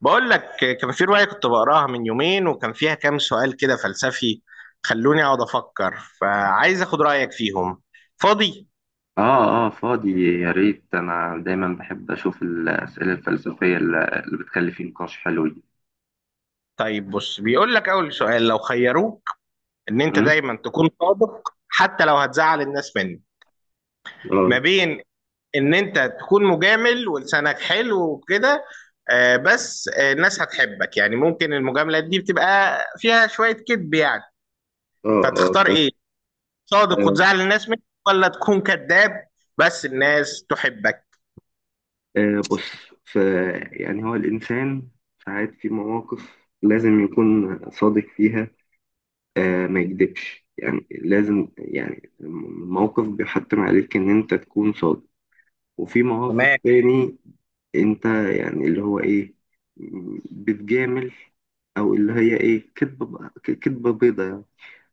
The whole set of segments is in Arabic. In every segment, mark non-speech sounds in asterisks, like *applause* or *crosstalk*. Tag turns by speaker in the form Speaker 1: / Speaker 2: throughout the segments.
Speaker 1: بقول لك، كان في رواية كنت بقراها من يومين وكان فيها كام سؤال كده فلسفي. خلوني اقعد افكر، فعايز اخد رأيك فيهم. فاضي؟
Speaker 2: اه اه فاضي، يا ريت. انا دايما بحب اشوف الاسئله الفلسفيه اللي بتخلي في نقاش حلو دي.
Speaker 1: طيب بص، بيقول لك اول سؤال: لو خيروك ان انت
Speaker 2: مم؟
Speaker 1: دايما تكون صادق حتى لو هتزعل الناس منك،
Speaker 2: اه.
Speaker 1: ما بين ان انت تكون مجامل ولسانك حلو وكده. آه، بس آه، الناس هتحبك، يعني ممكن المجاملات دي بتبقى فيها شوية كذب يعني.
Speaker 2: اه.
Speaker 1: فتختار ايه؟ صادق
Speaker 2: آه،
Speaker 1: وتزعل الناس منك، ولا تكون كذاب بس الناس تحبك؟
Speaker 2: بص. ف يعني هو الانسان ساعات في مواقف لازم يكون صادق فيها، آه ما يكذبش يعني، لازم، يعني الموقف بيحتم عليك ان انت تكون صادق. وفي مواقف تاني انت يعني اللي هو ايه، بتجامل، او اللي هي ايه، كدبة بيضة يعني.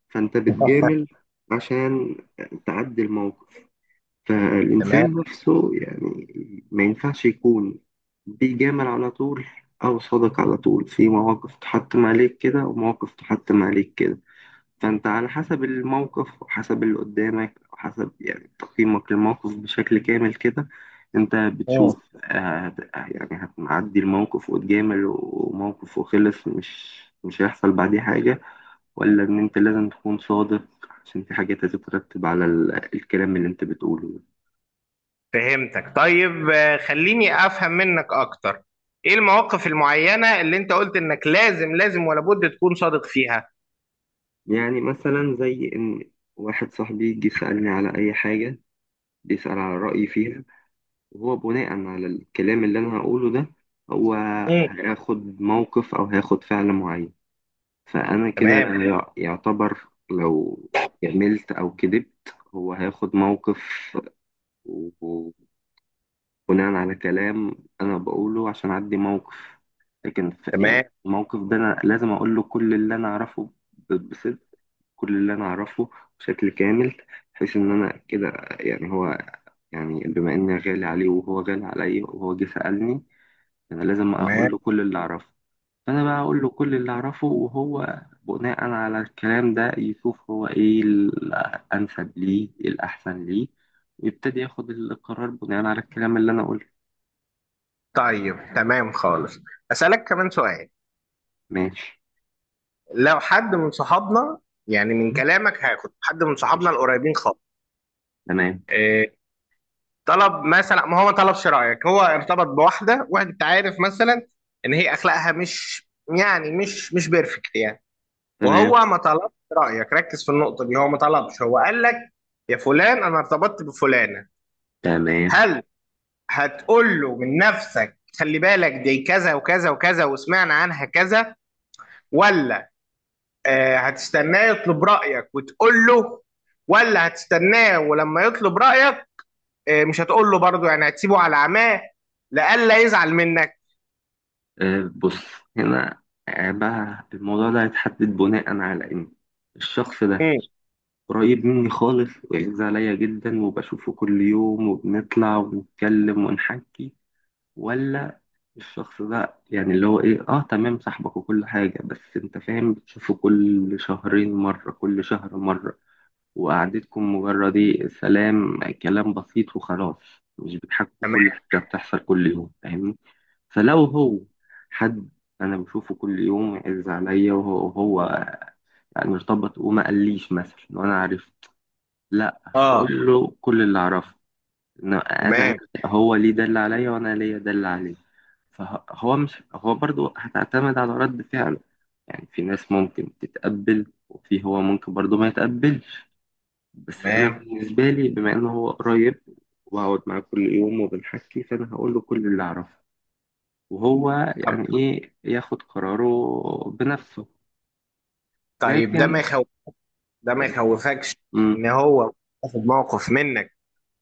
Speaker 2: فانت بتجامل عشان تعدي الموقف. فالانسان نفسه يعني ما ينفعش يكون بيجامل على طول او صادق على طول. في مواقف تحتم عليك كده، ومواقف تحتم عليك كده. فانت على حسب الموقف، وحسب اللي قدامك، وحسب يعني تقييمك للموقف بشكل كامل كده، انت بتشوف، يعني هتعدي الموقف وتجامل، وموقف وخلص مش هيحصل بعديه حاجة، ولا ان انت لازم تكون صادق عشان في حاجات هتترتب على الكلام اللي انت بتقوله ده.
Speaker 1: فهمتك. طيب خليني افهم منك اكتر. ايه المواقف المعينة اللي انت قلت انك لازم ولا بد تكون صادق فيها؟
Speaker 2: يعني مثلا زي ان واحد صاحبي جه سألني على اي حاجة، بيسأل على رأيي فيها، وهو بناء على الكلام اللي انا هقوله ده، هو
Speaker 1: مم.
Speaker 2: هياخد موقف او هياخد فعل معين. فانا كده
Speaker 1: تمام.
Speaker 2: يعتبر، لو عملت او كذبت، هو هياخد موقف. وبناء على كلام انا بقوله عشان اعدي موقف، لكن
Speaker 1: تمام.
Speaker 2: يعني الموقف ده انا لازم اقول له كل اللي انا اعرفه بصدق، كل اللي انا اعرفه بشكل كامل، بحيث ان انا كده يعني هو، يعني بما اني غالي عليه وهو غالي عليا وهو جه سألني، انا لازم
Speaker 1: تمام.
Speaker 2: اقول له كل اللي اعرفه. فانا بقى اقول له كل اللي اعرفه، وهو بناء على الكلام ده يشوف هو ايه الانسب ليه، إيه الاحسن ليه، ويبتدي ياخد القرار بناء على الكلام اللي انا قلته.
Speaker 1: طيب تمام خالص. اسالك كمان سؤال.
Speaker 2: ماشي.
Speaker 1: لو حد من صحابنا، يعني من كلامك هاخد حد من صحابنا
Speaker 2: قشطة.
Speaker 1: القريبين خالص،
Speaker 2: تمام.
Speaker 1: آه، طلب، مثلا ما هو ما طلبش رأيك، هو ارتبط بواحدة، واحد انت عارف مثلا ان هي اخلاقها مش، يعني مش بيرفكت يعني،
Speaker 2: تمام.
Speaker 1: وهو ما طلبش رأيك. ركز في النقطة دي، هو ما طلبش، هو قال لك يا فلان انا ارتبطت بفلانة.
Speaker 2: تمام.
Speaker 1: هل هتقول له من نفسك خلي بالك دي كذا وكذا وكذا وسمعنا عنها كذا، ولا آه هتستناه يطلب رأيك وتقول له، ولا هتستناه ولما يطلب رأيك مش هتقول له برضه، يعني هتسيبه على عماه لئلا يزعل منك؟
Speaker 2: أه بص، هنا آه، بقى الموضوع ده هيتحدد بناء على ان الشخص ده
Speaker 1: امم.
Speaker 2: قريب مني خالص ويعز عليا جدا وبشوفه كل يوم وبنطلع ونتكلم ونحكي، ولا الشخص ده يعني اللي هو ايه، اه تمام صاحبك وكل حاجة، بس انت فاهم، بتشوفه كل شهرين مرة، كل شهر مرة، وقعدتكم مجرد ايه، سلام، كلام بسيط وخلاص، مش بتحكوا كل
Speaker 1: تمام.
Speaker 2: حاجة بتحصل كل يوم، فاهمني. فلو هو حد انا بشوفه كل يوم يعز عليا، وهو يعني ارتبط وما قاليش مثلا وانا عارف، لا
Speaker 1: اه.
Speaker 2: هقول له كل اللي اعرفه، إن انا،
Speaker 1: تمام.
Speaker 2: هو ليه ده اللي عليا وانا ليا ده اللي عليه. فهو، مش هو، برضو هتعتمد على رد فعله، يعني في ناس ممكن تتقبل وفي هو ممكن برضو ما يتقبلش. بس انا
Speaker 1: تمام.
Speaker 2: بالنسبه لي، بما انه هو قريب وهقعد معاه كل يوم وبنحكي، فانا هقول له كل اللي اعرفه، وهو
Speaker 1: طب
Speaker 2: يعني ايه، ياخد قراره بنفسه.
Speaker 1: طيب ده
Speaker 2: لكن
Speaker 1: ما يخوف، ده ما يخوفكش
Speaker 2: مم.
Speaker 1: ان هو ياخد موقف منك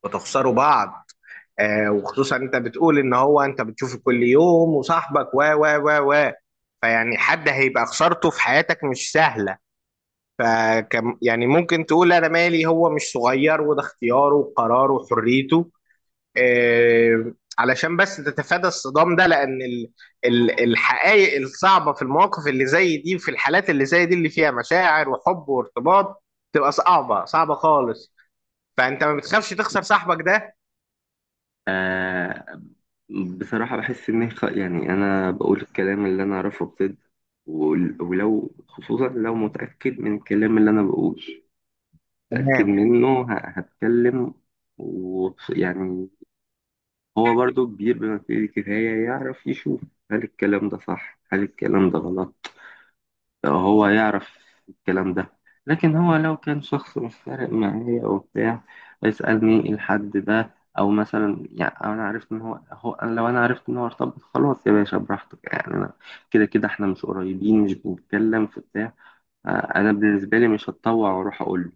Speaker 1: وتخسروا بعض؟ آه، وخصوصا انت بتقول ان هو انت بتشوفه كل يوم وصاحبك و و و و، فيعني حد هيبقى خسارته في حياتك مش سهله. فكم يعني ممكن تقول انا مالي، هو مش صغير وده اختياره وقراره وحريته، آه، علشان بس تتفادى الصدام ده، لان الحقائق الصعبه في المواقف اللي زي دي، في الحالات اللي زي دي اللي فيها مشاعر وحب وارتباط، تبقى صعبه خالص. فانت ما بتخافش تخسر صاحبك ده؟
Speaker 2: بصراحة بحس إن هي يعني أنا بقول الكلام اللي أنا أعرفه بجد، ولو خصوصا لو متأكد من الكلام اللي أنا بقوله، متأكد
Speaker 1: تمام.
Speaker 2: منه، هتكلم. ويعني هو برضو كبير بما فيه الكفاية، يعرف يشوف هل الكلام ده صح هل الكلام ده غلط، هو يعرف الكلام ده. لكن هو لو كان شخص مش فارق معايا أو بتاع، يسألني الحد ده أو مثلا، يعني أنا عرفت إن هو, هو أنا لو أنا عرفت إن هو ارتبط، خلاص يا باشا براحتك، يعني أنا كده كده إحنا مش قريبين، مش بنتكلم في بتاع. آه، أنا بالنسبة لي مش هتطوع وأروح أقول له،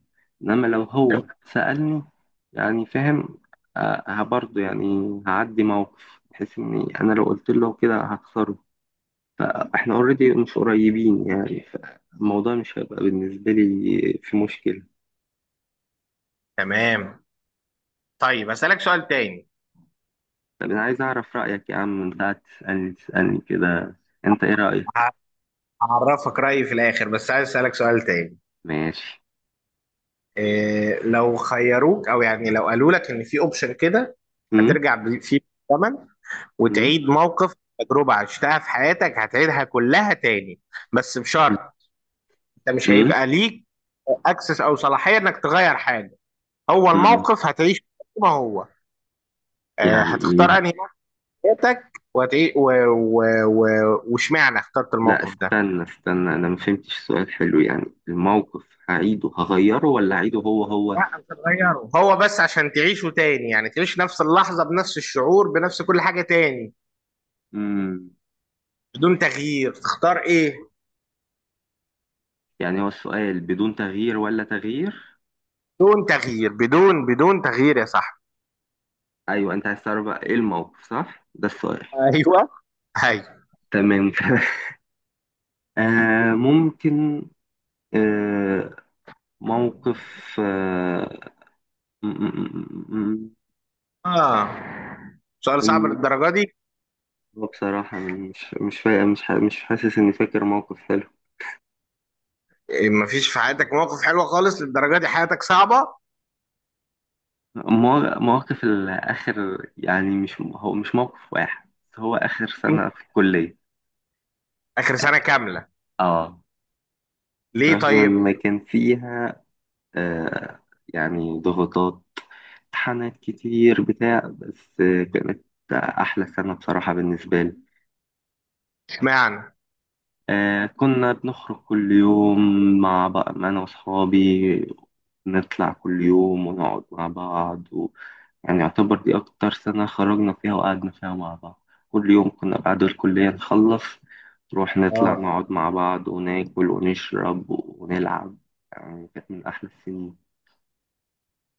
Speaker 2: إنما لو هو
Speaker 1: تمام.
Speaker 2: سألني، يعني فاهم، آه، برضه يعني هعدي موقف بحيث إني أنا لو قلت له كده هخسره. احنا اوريدي مش قريبين يعني، فالموضوع مش هيبقى بالنسبة لي في مشكلة.
Speaker 1: تمام. طيب اسالك سؤال تاني.
Speaker 2: طب انا عايز اعرف رأيك يا عم، انت قاعد تسألني كده، انت ايه رأيك؟
Speaker 1: ه- هعرفك رايي في الاخر بس عايز اسالك سؤال تاني.
Speaker 2: ماشي.
Speaker 1: إيه، لو خيروك، او يعني لو قالوا لك ان في اوبشن كده
Speaker 2: امم.
Speaker 1: هترجع فيه بالزمن
Speaker 2: امم.
Speaker 1: وتعيد موقف، تجربة عشتها في حياتك هتعيدها كلها تاني، بس بشرط انت مش
Speaker 2: امم.
Speaker 1: هيبقى ليك اكسس او صلاحية انك تغير حاجة، هو
Speaker 2: امم.
Speaker 1: الموقف هتعيش زي ما هو، آه،
Speaker 2: يعني
Speaker 1: هتختار
Speaker 2: ايه؟
Speaker 1: انهي نوع في حياتك؟ واشمعنى اخترت
Speaker 2: لا
Speaker 1: الموقف ده؟
Speaker 2: استنى استنى، انا ما فهمتش. سؤال حلو. يعني الموقف هعيده هغيره ولا هعيده هو هو؟
Speaker 1: لا انت تغيره، هو بس عشان تعيشه تاني، يعني تعيش نفس اللحظة بنفس الشعور بنفس كل حاجة تاني
Speaker 2: امم.
Speaker 1: بدون تغيير. تختار ايه؟
Speaker 2: يعني هو السؤال بدون تغيير ولا تغيير؟
Speaker 1: بدون تغيير، بدون تغيير يا صاحبي.
Speaker 2: ايوه، انت عايز تعرف بقى ايه الموقف، صح ده السؤال؟
Speaker 1: ايوه.
Speaker 2: تمام. *laughs* آه ممكن. آه، موقف. آه، م- م- م-
Speaker 1: اه، سؤال صعب
Speaker 2: م-
Speaker 1: للدرجة دي؟
Speaker 2: بصراحة مش فا... مش ح... مش حاسس إني فاكر موقف حلو.
Speaker 1: إيه، مفيش في حياتك موقف حلو خالص للدرجة دي؟ حياتك صعبة.
Speaker 2: مواقف الآخر يعني، مش هو مش موقف واحد، هو آخر
Speaker 1: مم.
Speaker 2: سنة في الكلية.
Speaker 1: آخر سنة كاملة؟
Speaker 2: آه.
Speaker 1: ليه
Speaker 2: برغم إن
Speaker 1: طيب؟
Speaker 2: كان فيها آه يعني ضغوطات، امتحانات كتير بتاع، بس كانت أحلى سنة بصراحة بالنسبة لي.
Speaker 1: اشمعنى؟
Speaker 2: آه كنا بنخرج كل يوم مع بقى أنا وأصحابي، نطلع كل يوم ونقعد مع بعض و... يعني يعتبر دي أكتر سنة خرجنا فيها وقعدنا فيها مع بعض. كل يوم كنا بعد الكلية نخلص نروح نطلع
Speaker 1: اه،
Speaker 2: نقعد مع بعض وناكل ونشرب ونلعب. يعني كانت من أحلى السنين.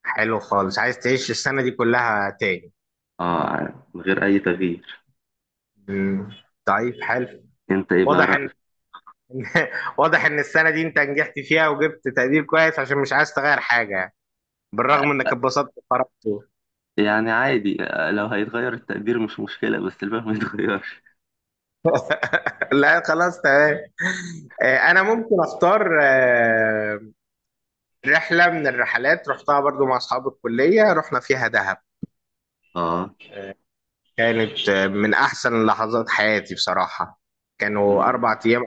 Speaker 1: حلو خالص. عايز تعيش السنة دي كلها تاني؟
Speaker 2: آه من غير أي تغيير.
Speaker 1: مم. طيب حلو.
Speaker 2: أنت إيه بقى
Speaker 1: واضح ان
Speaker 2: رأيك؟
Speaker 1: *laughs* واضح ان السنة دي انت نجحت فيها وجبت تقدير كويس عشان مش عايز تغير حاجة يعني. بالرغم انك اتبسطت وخرجت.
Speaker 2: يعني عادي، آه، لو هيتغير التقدير مش مشكلة، بس الباقي ما يتغيرش.
Speaker 1: *laughs* لا خلاص تمام. انا ممكن اختار رحلة من الرحلات رحتها برضو مع أصحاب الكلية، رحنا فيها دهب.
Speaker 2: آه.
Speaker 1: كانت من أحسن لحظات حياتي بصراحة. كانوا أربع أيام،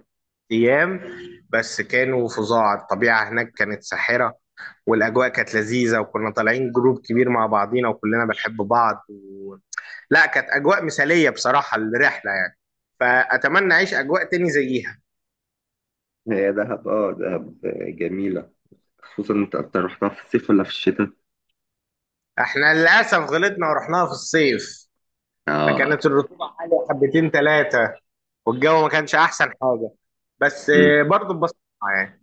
Speaker 1: أيام بس كانوا فظاع. الطبيعة هناك كانت ساحرة، والأجواء كانت لذيذة، وكنا طالعين جروب كبير مع بعضينا وكلنا بنحب بعض و... لا كانت أجواء مثالية بصراحة الرحلة يعني. فأتمنى أعيش أجواء تاني زيها.
Speaker 2: هي دهب، اه دهب جميلة. خصوصا انت، اكتر، رحتها في الصيف ولا في الشتاء؟
Speaker 1: احنا للأسف غلطنا ورحناها في الصيف،
Speaker 2: اه.
Speaker 1: فكانت الرطوبة عالية حبتين ثلاثة، والجو ما كانش احسن حاجه، بس
Speaker 2: مم.
Speaker 1: برضه اتبسطنا يعني.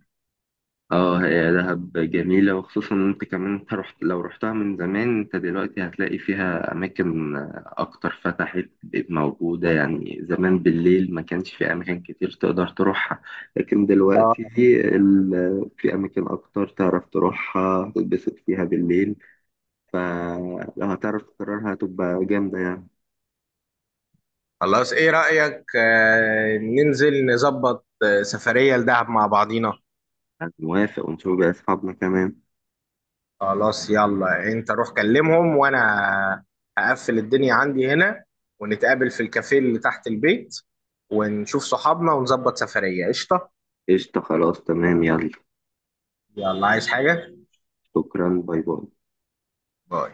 Speaker 2: اه هي دهب جميلة، وخصوصا انت كمان، انت رحت، لو رحتها من زمان، انت دلوقتي هتلاقي فيها اماكن اكتر فتحت بقت موجودة. يعني زمان بالليل ما كانش في اماكن كتير تقدر تروحها، لكن دلوقتي
Speaker 1: اه
Speaker 2: في اماكن اكتر تعرف تروحها تتبسط فيها بالليل. فلو هتعرف تكررها هتبقى جامدة يعني.
Speaker 1: خلاص، ايه رايك ننزل نظبط سفريه لدهب مع بعضينا؟
Speaker 2: أنا موافق، ونشوف بقى أصحابنا كمان.
Speaker 1: خلاص يلا، انت روح كلمهم وانا هقفل الدنيا عندي هنا، ونتقابل في الكافيه اللي تحت البيت، ونشوف صحابنا ونظبط سفريه قشطه.
Speaker 2: قشطة. خلاص، تمام، يلا.
Speaker 1: يلا، عايز حاجه؟
Speaker 2: شكرا، باي باي.
Speaker 1: باي.